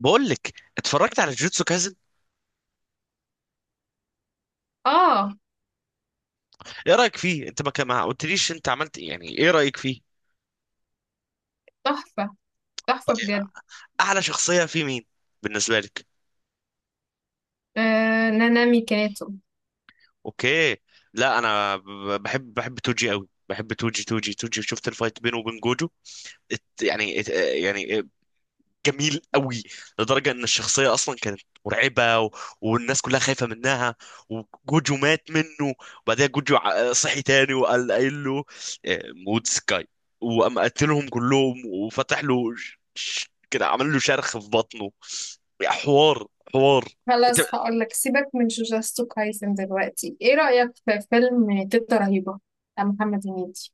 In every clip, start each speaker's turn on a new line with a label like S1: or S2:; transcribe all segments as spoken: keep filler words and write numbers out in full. S1: بقول لك اتفرجت على جوجوتسو كايزن.
S2: اه.
S1: ايه رايك فيه؟ انت ما كان- ما قلتليش انت عملت إيه؟ يعني ايه رايك فيه؟
S2: تحفة. تحفة بجد.
S1: اعلى شخصيه فيه مين بالنسبه لك؟
S2: آه. نانامي كانتو.
S1: اوكي. لا انا ب- بحب بحب توجي قوي، بحب توجي توجي توجي. شفت الفايت بينه وبين جوجو؟ ات- يعني ات- يعني جميل قوي، لدرجة ان الشخصية اصلا كانت مرعبة و... والناس كلها خايفة منها. وجوجو مات منه، وبعدها جوجو ع- صحي تاني وقال قايل له آه، موت سكاي. وقام قتلهم كلهم وفتح له ش... ش... كده، عمل له شرخ في بطنه. حوار حوار. انت
S2: خلاص، هقولك سيبك من جوجوتسو كايسن دلوقتي، ايه رأيك في فيلم تيتا رهيبة بتاع محمد هنيدي؟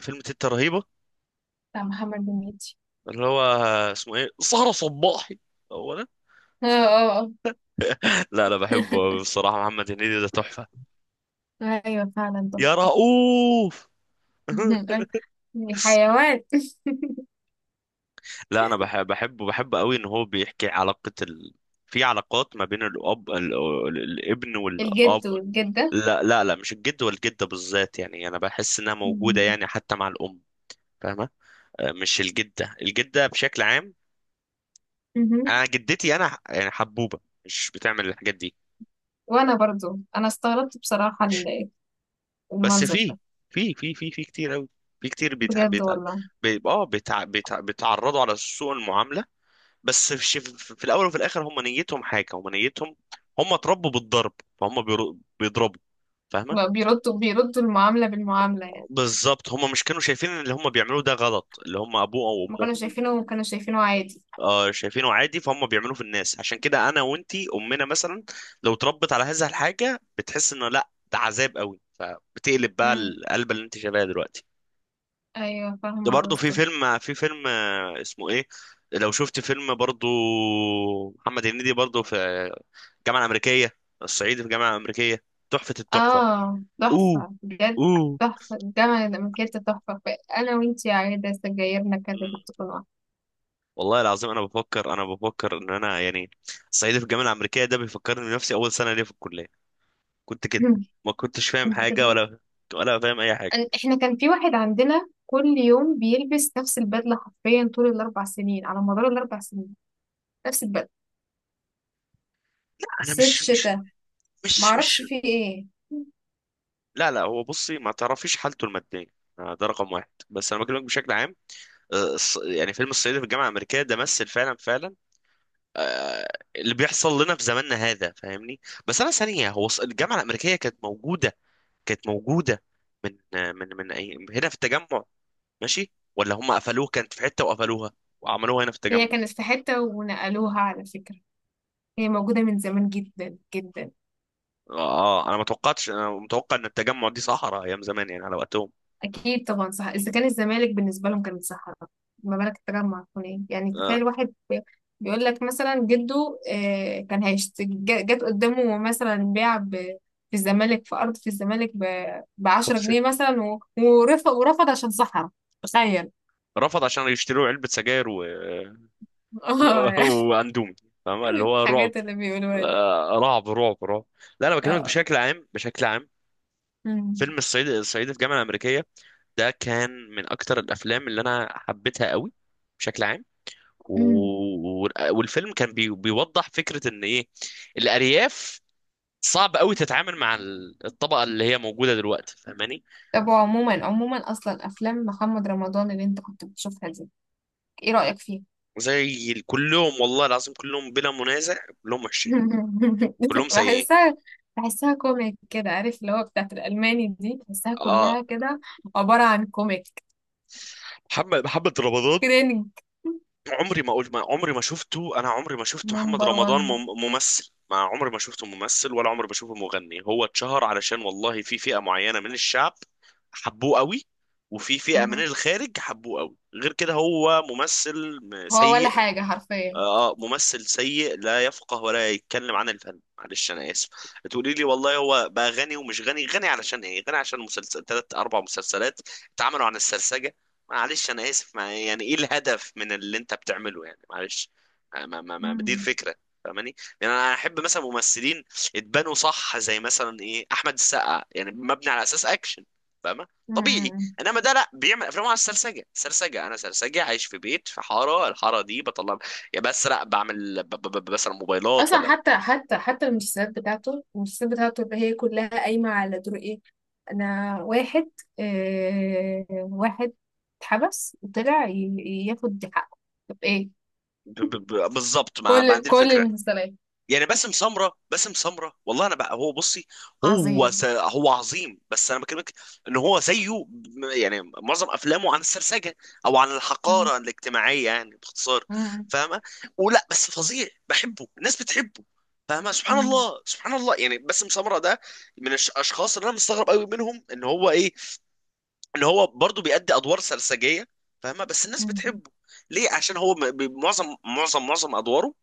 S1: فيلم تيتا رهيبة؟
S2: بتاع محمد هنيدي.
S1: اللي هو اسمه ايه، سهرة صباحي؟ هو ده؟
S2: اه اه آه.
S1: لا انا بحبه، بصراحة محمد هنيدي ده تحفة.
S2: ايوه فعلا
S1: يا
S2: تحفة.
S1: رؤوف.
S2: الحيوان.
S1: لا انا بحب بحبه بحب قوي ان هو بيحكي علاقة ال... في علاقات ما بين الاب ال... ال- الابن والاب.
S2: الجد والجدة.
S1: لا لا لا، مش الجد والجدة بالذات، يعني انا بحس انها موجودة
S2: مم.
S1: يعني حتى مع الام. فاهمة؟ آه، مش الجدة، الجدة بشكل عام.
S2: مهم.
S1: انا جدتي انا ح- يعني حبوبة مش بتعمل الحاجات دي.
S2: وانا برضو انا استغربت بصراحة ال-
S1: بس
S2: المنظر
S1: في
S2: ده.
S1: في في في في كتير قوي، في كتير بيتع...
S2: بجد
S1: بيتع...
S2: والله.
S1: بي... اه بيتع... بيتع... بيتعرضوا على سوء المعاملة. بس في في- في الاول وفي الاخر هم نيتهم حاجه، هم نيتهم، هم اتربوا بالضرب، فهم بيرو- بيضربوا. فاهمه؟
S2: ما بيردوا، بيردوا المعاملة بالمعاملة يعني.
S1: بالظبط، هم مش كانوا شايفين ان اللي هم بيعملوه ده غلط، اللي هم ابوه او
S2: ما
S1: امه.
S2: كانوا شايفينه، كانوا شايفينه عادي.
S1: آه شايفينه عادي، فهم بيعملوه في الناس. عشان كده انا وانتي امنا مثلا لو اتربت على هذا الحاجه بتحس انه لا ده عذاب قوي، فبتقلب بقى
S2: مم.
S1: القلبه اللي انت شايفاها دلوقتي.
S2: ايوه،
S1: ده
S2: فاهمه
S1: برضه في
S2: قصدك.
S1: فيلم، في فيلم آه، اسمه ايه، لو شفت فيلم برضه محمد هنيدي برضه، في آه، الجامعة الأمريكية، الصعيدي في الجامعة الأمريكية. تحفة التحفة.
S2: اه
S1: اوه،
S2: تحفه بجد.
S1: اوه.
S2: تحفه الجامعه ده مكانت تحفه. انا وانتي عايده سجايرنا كانت
S1: مم.
S2: بتكون واحده.
S1: والله العظيم انا بفكر، انا بفكر ان انا يعني الصعيدي في الجامعة الأمريكية ده بيفكرني بنفسي، اول سنة ليا في الكلية كنت كده، ما كنتش فاهم
S2: كنت
S1: حاجة،
S2: كده.
S1: ولا ولا فاهم اي حاجة.
S2: أن- احنا كان في واحد عندنا كل يوم بيلبس نفس البدله حرفيا طول الاربع سنين، على مدار الاربع سنين. نفس البدله،
S1: انا
S2: صيف
S1: مش مش
S2: شتاء.
S1: مش
S2: معرفش
S1: مش.
S2: في ايه.
S1: لا لا، هو بصي ما تعرفيش حالته المادية، آه، ده رقم واحد، بس انا بكلمك بشكل عام. آه، الص- يعني فيلم الصعيدي في الجامعه الامريكيه ده مثل فعلا فعلا آه، اللي بيحصل لنا في زماننا هذا. فاهمني؟ بس انا ثانيه، هو الص- الجامعه الامريكيه كانت موجوده، كانت موجوده من آه، من من أي هنا في التجمع؟ ماشي ولا هم قفلوه، كانت في حته وقفلوها وعملوها هنا في
S2: هي
S1: التجمع؟
S2: كانت في حته ونقلوها على فكره. هي موجوده من زمان جدا جدا.
S1: اه انا ما توقعتش، انا متوقع ان التجمع دي صحراء ايام زمان يعني على وقتهم.
S2: اكيد طبعا صح. اذا كان الزمالك بالنسبه لهم كانت صحراء، ما بالك التجمع يكون ايه؟ يعني
S1: آه.
S2: تخيل واحد بي- بيقول لك مثلا جده آه، كان هيشت جا- جت قدامه مثلا بيع ب- في الزمالك في ارض في الزمالك ب
S1: خمس
S2: 10
S1: سنين.
S2: جنيه مثلا و- ورفض ورفض عشان صحراء. تخيل.
S1: رفض عشان يشتروا علبة سجاير و...
S2: اه
S1: وأندومي. فاهم اللي هو رعب؟
S2: الحاجات اللي بيقولوها دي.
S1: آه، رعب رعب رعب. لا انا بكلمك
S2: اه.
S1: بشكل عام، بشكل عام.
S2: أمم.
S1: فيلم الصعيد، الصعيدي في الجامعه الامريكيه ده كان من اكتر الافلام اللي انا حبيتها قوي بشكل عام. و...
S2: أمم.
S1: و- والفيلم كان بي... بيوضح فكره ان ايه؟ الارياف صعب قوي تتعامل مع ال- الطبقه اللي هي موجوده دلوقتي. فاهماني؟
S2: طب عموما، عموما اصلا افلام محمد رمضان اللي انت كنت بتشوفها دي، ايه رايك فيها؟
S1: زي ال- كلهم، والله العظيم كلهم بلا منازع، كلهم وحشين، كلهم سيئين.
S2: بحسها. بحسها كوميك كده، عارف؟ اللي هو بتاعت الألماني دي بحسها
S1: اه
S2: كلها كده، عبارة عن كوميك.
S1: محمد محمد رمضان،
S2: كرينج.
S1: عمري ما اقول ما عمري ما شفته انا عمري ما شفت محمد
S2: نمبر وان.
S1: رمضان مم- ممثل، ما عمري ما شفته ممثل، ولا عمري بشوفه مغني. هو اتشهر علشان، والله، في فئة معينة من الشعب حبوه قوي، وفي فئة من
S2: مهم.
S1: الخارج حبوه قوي. غير كده هو ممثل م-
S2: هو ولا
S1: سيء.
S2: حاجة حرفيا.
S1: آه آه، ممثل سيء لا يفقه ولا يتكلم عن الفن، معلش انا اسف. هتقولي لي والله هو بقى غني، ومش غني، غني علشان ايه؟ غني عشان مسلسل، ثلاث اربع مسلسلات اتعملوا عن السرسجة، معلش انا اسف. ما يعني ايه الهدف من اللي انت بتعمله يعني؟ معلش. ما ما ما دي
S2: مم.
S1: الفكرة. فاهماني؟ يعني انا احب مثلا ممثلين اتبنوا صح زي مثلا ايه، احمد السقا، يعني مبني على اساس اكشن. فاهمه؟ طبيعي.
S2: مم.
S1: انما ده لا، بيعمل افلام على السرسجه، سرسجه انا سرسجه عايش في بيت في حاره، الحاره دي بطلع يا بسرق بعمل ب- ب- ب- بسرق موبايلات
S2: أصلا
S1: ولا
S2: حتى حتى حتى المسلسلات بتاعته المسلسلات بتاعته اللي هي كلها قايمة على دور إيه؟ أنا واحد، آه واحد اتحبس وطلع ي- ياخد حقه. طب إيه؟
S1: ب- ب- ب- بالظبط، ما, ما
S2: كل
S1: عندي
S2: كل
S1: الفكره.
S2: المسلسلات.
S1: يعني باسم سمره، باسم سمره، والله انا بقى هو بصي، هو س...
S2: عظيم.
S1: هو عظيم، بس انا بكلمك ان هو زيه م- يعني معظم افلامه عن السرسجه او عن الحقاره الاجتماعيه يعني باختصار.
S2: مم.
S1: فاهمه؟ ولا بس فظيع بحبه، الناس بتحبه. فاهمه؟ سبحان
S2: مم.
S1: الله، سبحان الله. يعني باسم سمره ده من الاشخاص اللي انا مستغرب قوي منهم ان هو ايه، ان هو برضه بيأدي ادوار سرسجيه. فاهمه؟ بس الناس
S2: مم.
S1: بتحبه. ليه؟ عشان هو م- ب- معظم معظم معظم ادواره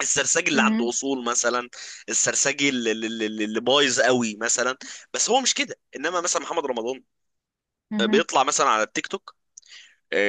S1: السرسجي اللي عنده
S2: مم.
S1: اصول مثلا، السرسجي اللي, اللي, اللي اللي بايظ قوي مثلا. بس هو مش كده، انما مثلا محمد رمضان آه،
S2: مم.
S1: بيطلع مثلا على التيك توك.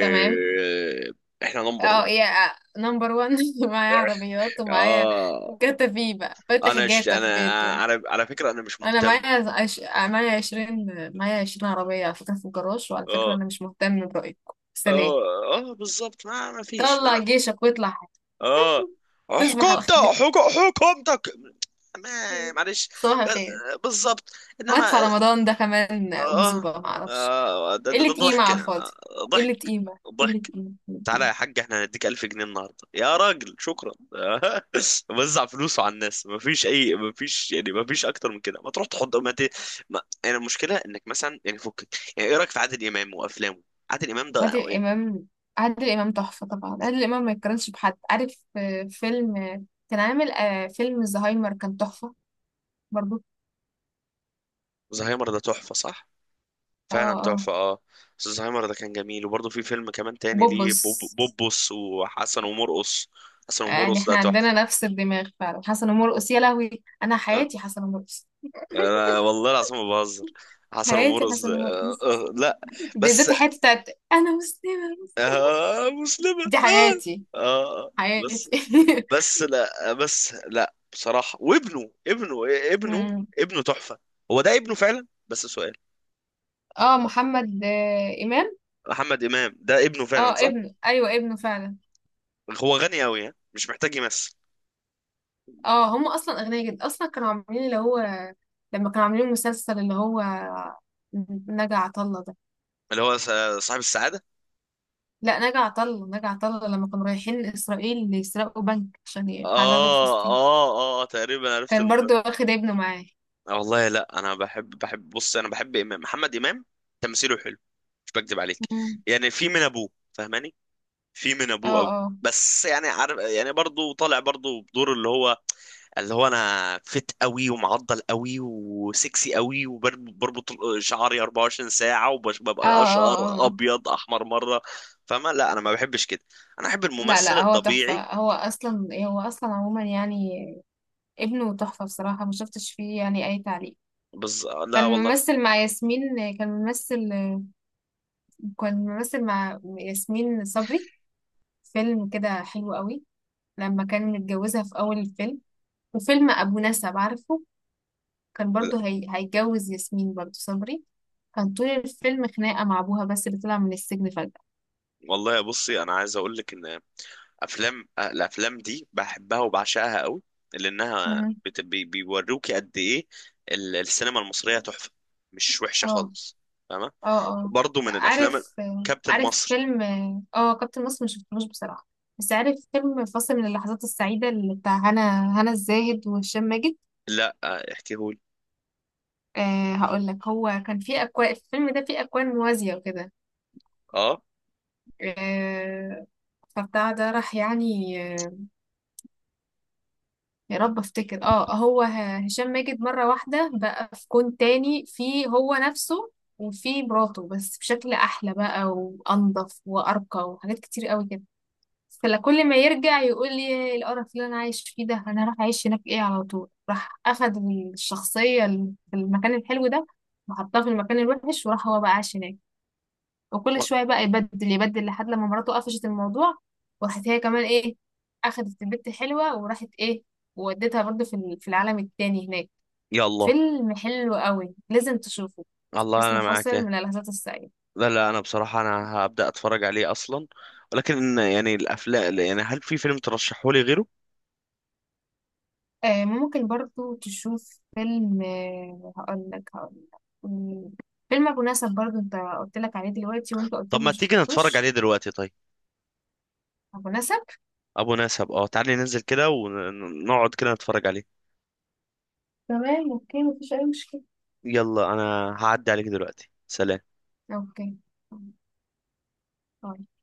S2: تمام.
S1: احنا نمبر
S2: اه
S1: واحد.
S2: يا. نمبر وان. معايا عربيات ومعايا
S1: اه
S2: جاتا في بقى، فاتح
S1: انا ش...
S2: جاتا في
S1: انا،
S2: بيته.
S1: على على فكره انا مش
S2: انا
S1: مهتم.
S2: معايا عش... معايا عشرين. معايا عشرين عربية على فكرة في الجراج، وعلى فكرة
S1: اه
S2: انا مش مهتم برأيكم، سلام.
S1: اه اه، بالظبط، ما ما فيش.
S2: طلع جيشك واطلع حاجة.
S1: اه.
S2: تصبح على
S1: حكومتك،
S2: خير.
S1: حكو- حكومتك. ما- معلش.
S2: صباح
S1: بس-
S2: الخير.
S1: بالظبط. انما
S2: مدفع رمضان ده كمان
S1: اه
S2: أكذوبة، معرفش.
S1: اه، ده ده ده
S2: قلة قيمة
S1: ضحك،
S2: على الفاضي.
S1: آه،
S2: قلة
S1: ضحك،
S2: قيمة، قلة
S1: ضحك.
S2: قيمة.
S1: تعالى يا حاج احنا هنديك ألف جنيه النهارده، يا راجل شكرا. وزع فلوسه على الناس، مفيش اي، مفيش يعني، مفيش اكتر من كده. ما تروح تحط ما ت... ما... يعني المشكله انك مثلا يعني فكك. يعني ايه رايك في عادل امام وافلامه؟ عادل امام ده
S2: عادل
S1: يعني،
S2: إمام. عادل إمام تحفة طبعا. عادل إمام ما يتقارنش بحد، عارف؟ آه، فيلم آه، كان عامل آه، فيلم الزهايمر كان تحفة برضو.
S1: زهايمر ده تحفه صح،
S2: اه.
S1: فعلا
S2: اه.
S1: تحفة. اه. الزهايمر ده كان جميل، وبرضه في فيلم كمان تاني ليه،
S2: وبوبس.
S1: بوب- بوبوس، وحسن ومرقص. حسن
S2: يعني
S1: ومرقص ده
S2: احنا عندنا
S1: تحفة.
S2: نفس الدماغ فعلا. حسن ومرقص يا لهوي، أنا
S1: آه.
S2: حياتي حسن ومرقص.
S1: أنا والله العظيم ما بهزر، حسن
S2: حياتي
S1: ومرقص ده
S2: حسن
S1: آه.
S2: ومرقص،
S1: آه. لا. بس
S2: بالذات الحتة بتاعت أنا مسلمة،
S1: آه مسلمة،
S2: دي حياتي.
S1: آه. آه.
S2: حياتي.
S1: بس بس لا بس لا بصراحة، وابنه، ابنه ابنه
S2: أمم.
S1: ابنه تحفة. هو ده ابنه فعلا، بس سؤال،
S2: اه محمد آه، إمام.
S1: محمد إمام ده ابنه فعلا
S2: اه
S1: صح؟
S2: ابنه، أيوه ابنه فعلا.
S1: هو غني أوي ها؟ مش محتاج يمثل.
S2: اه هم اصلا اغنياء جدا اصلا، كانوا عاملين اللي هو، لما كانوا عاملين المسلسل اللي هو نجا عطله ده.
S1: اللي هو صاحب السعادة.
S2: لا، نجا عطله نجا عطله لما كانوا رايحين اسرائيل يسرقوا بنك عشان يحرروا
S1: اه
S2: فلسطين.
S1: اه اه، تقريبا عرفت
S2: كان
S1: الم...
S2: برضو واخد ابنه معاه.
S1: آه والله. لا انا بحب بحب بص، انا بحب امام، محمد امام، تمثيله حلو، مش بكذب عليك.
S2: مم.
S1: يعني في من ابوه، فاهماني؟ في من ابوه
S2: اه
S1: قوي.
S2: اه
S1: بس يعني عارف، يعني برضه طالع برضه بدور اللي هو، اللي هو انا فت قوي، ومعضل قوي، وسكسي قوي، وبربط شعري أربعة وعشرين ساعه،
S2: اه
S1: وببقى
S2: اه
S1: اشقر
S2: اه.
S1: ابيض احمر مره. فاهمه؟ لا انا ما بحبش كده، انا احب
S2: لا،
S1: الممثل
S2: لا هو
S1: الطبيعي.
S2: تحفة. هو أصلا هو أصلا عموما يعني ابنه تحفة بصراحة، ما شفتش فيه يعني أي تعليق.
S1: بز... لا
S2: كان
S1: والله.
S2: ممثل مع ياسمين كان ممثل كان ممثل مع ياسمين صبري في فيلم كده حلو قوي، لما كان متجوزها في أول الفيلم. وفيلم أبو نسب عارفه، كان برضه هي... هيتجوز ياسمين برضه صبري. كان طول الفيلم خناقة مع أبوها، بس اللي طلع من السجن فجأة.
S1: والله بصي انا عايز اقول لك ان افلام، الافلام دي بحبها وبعشقها قوي، لانها
S2: مهم.
S1: بت... بي... بيوروكي قد ايه ال- السينما المصريه تحفه، مش وحشه
S2: اه
S1: خالص. فاهمه؟
S2: اه اه.
S1: برضو من الافلام،
S2: عارف.
S1: كابتن
S2: عارف
S1: مصر.
S2: فيلم. اه كابتن مصر مشفتهوش بصراحة، بس عارف فيلم فاصل من اللحظات السعيدة اللي بتاع هنا هنا الزاهد وهشام ماجد.
S1: لا آه، احكيهولي.
S2: آه هقول لك، هو كان في أكوان، الفيلم ده فيه أكوان موازية وكده.
S1: اه.
S2: آه، فبتاع ده راح يعني آه، يا رب افتكر. اه هو ه- هشام ماجد مرة واحدة بقى في كون تاني، في هو نفسه وفي مراته بس بشكل احلى بقى وانضف وارقى وحاجات كتير قوي كده. فكل ما يرجع يقول لي إيه القرف اللي انا عايش فيه ده، انا راح اعيش هناك ايه على طول، راح اخد الشخصية ال- في المكان الحلو ده وحطها في المكان الوحش، وراح هو بقى عاش هناك، وكل شوية بقى يبدل يبدل لحد لما مراته قفشت الموضوع. وراحت هي كمان ايه، أخدت البت حلوة وراحت ايه، وودتها برضه في ال- في العالم التاني هناك.
S1: يلا،
S2: فيلم حلو قوي، لازم تشوفه.
S1: الله
S2: اسمه
S1: انا معاك
S2: فاصل
S1: يا.
S2: من اللحظات السعيدة.
S1: لا لا انا بصراحه انا هبدا اتفرج عليه اصلا، ولكن يعني الافلام، يعني هل في فيلم ترشحولي غيره؟
S2: آه ممكن برضه تشوف فيلم، آه هقول لك هقول لك مم، فيلم أبو نسب برضه انت قلت لك عليه دلوقتي، وانت قلت
S1: طب
S2: لي
S1: ما
S2: ما
S1: تيجي نتفرج
S2: شفتوش.
S1: عليه دلوقتي طيب.
S2: أبو نسب.
S1: ابو نسب، اه تعالي ننزل كده ونقعد كده نتفرج عليه.
S2: تمام، اوكي. مفيش أي مشكلة.
S1: يلا، انا هعدي عليك دلوقتي، سلام.
S2: اوكي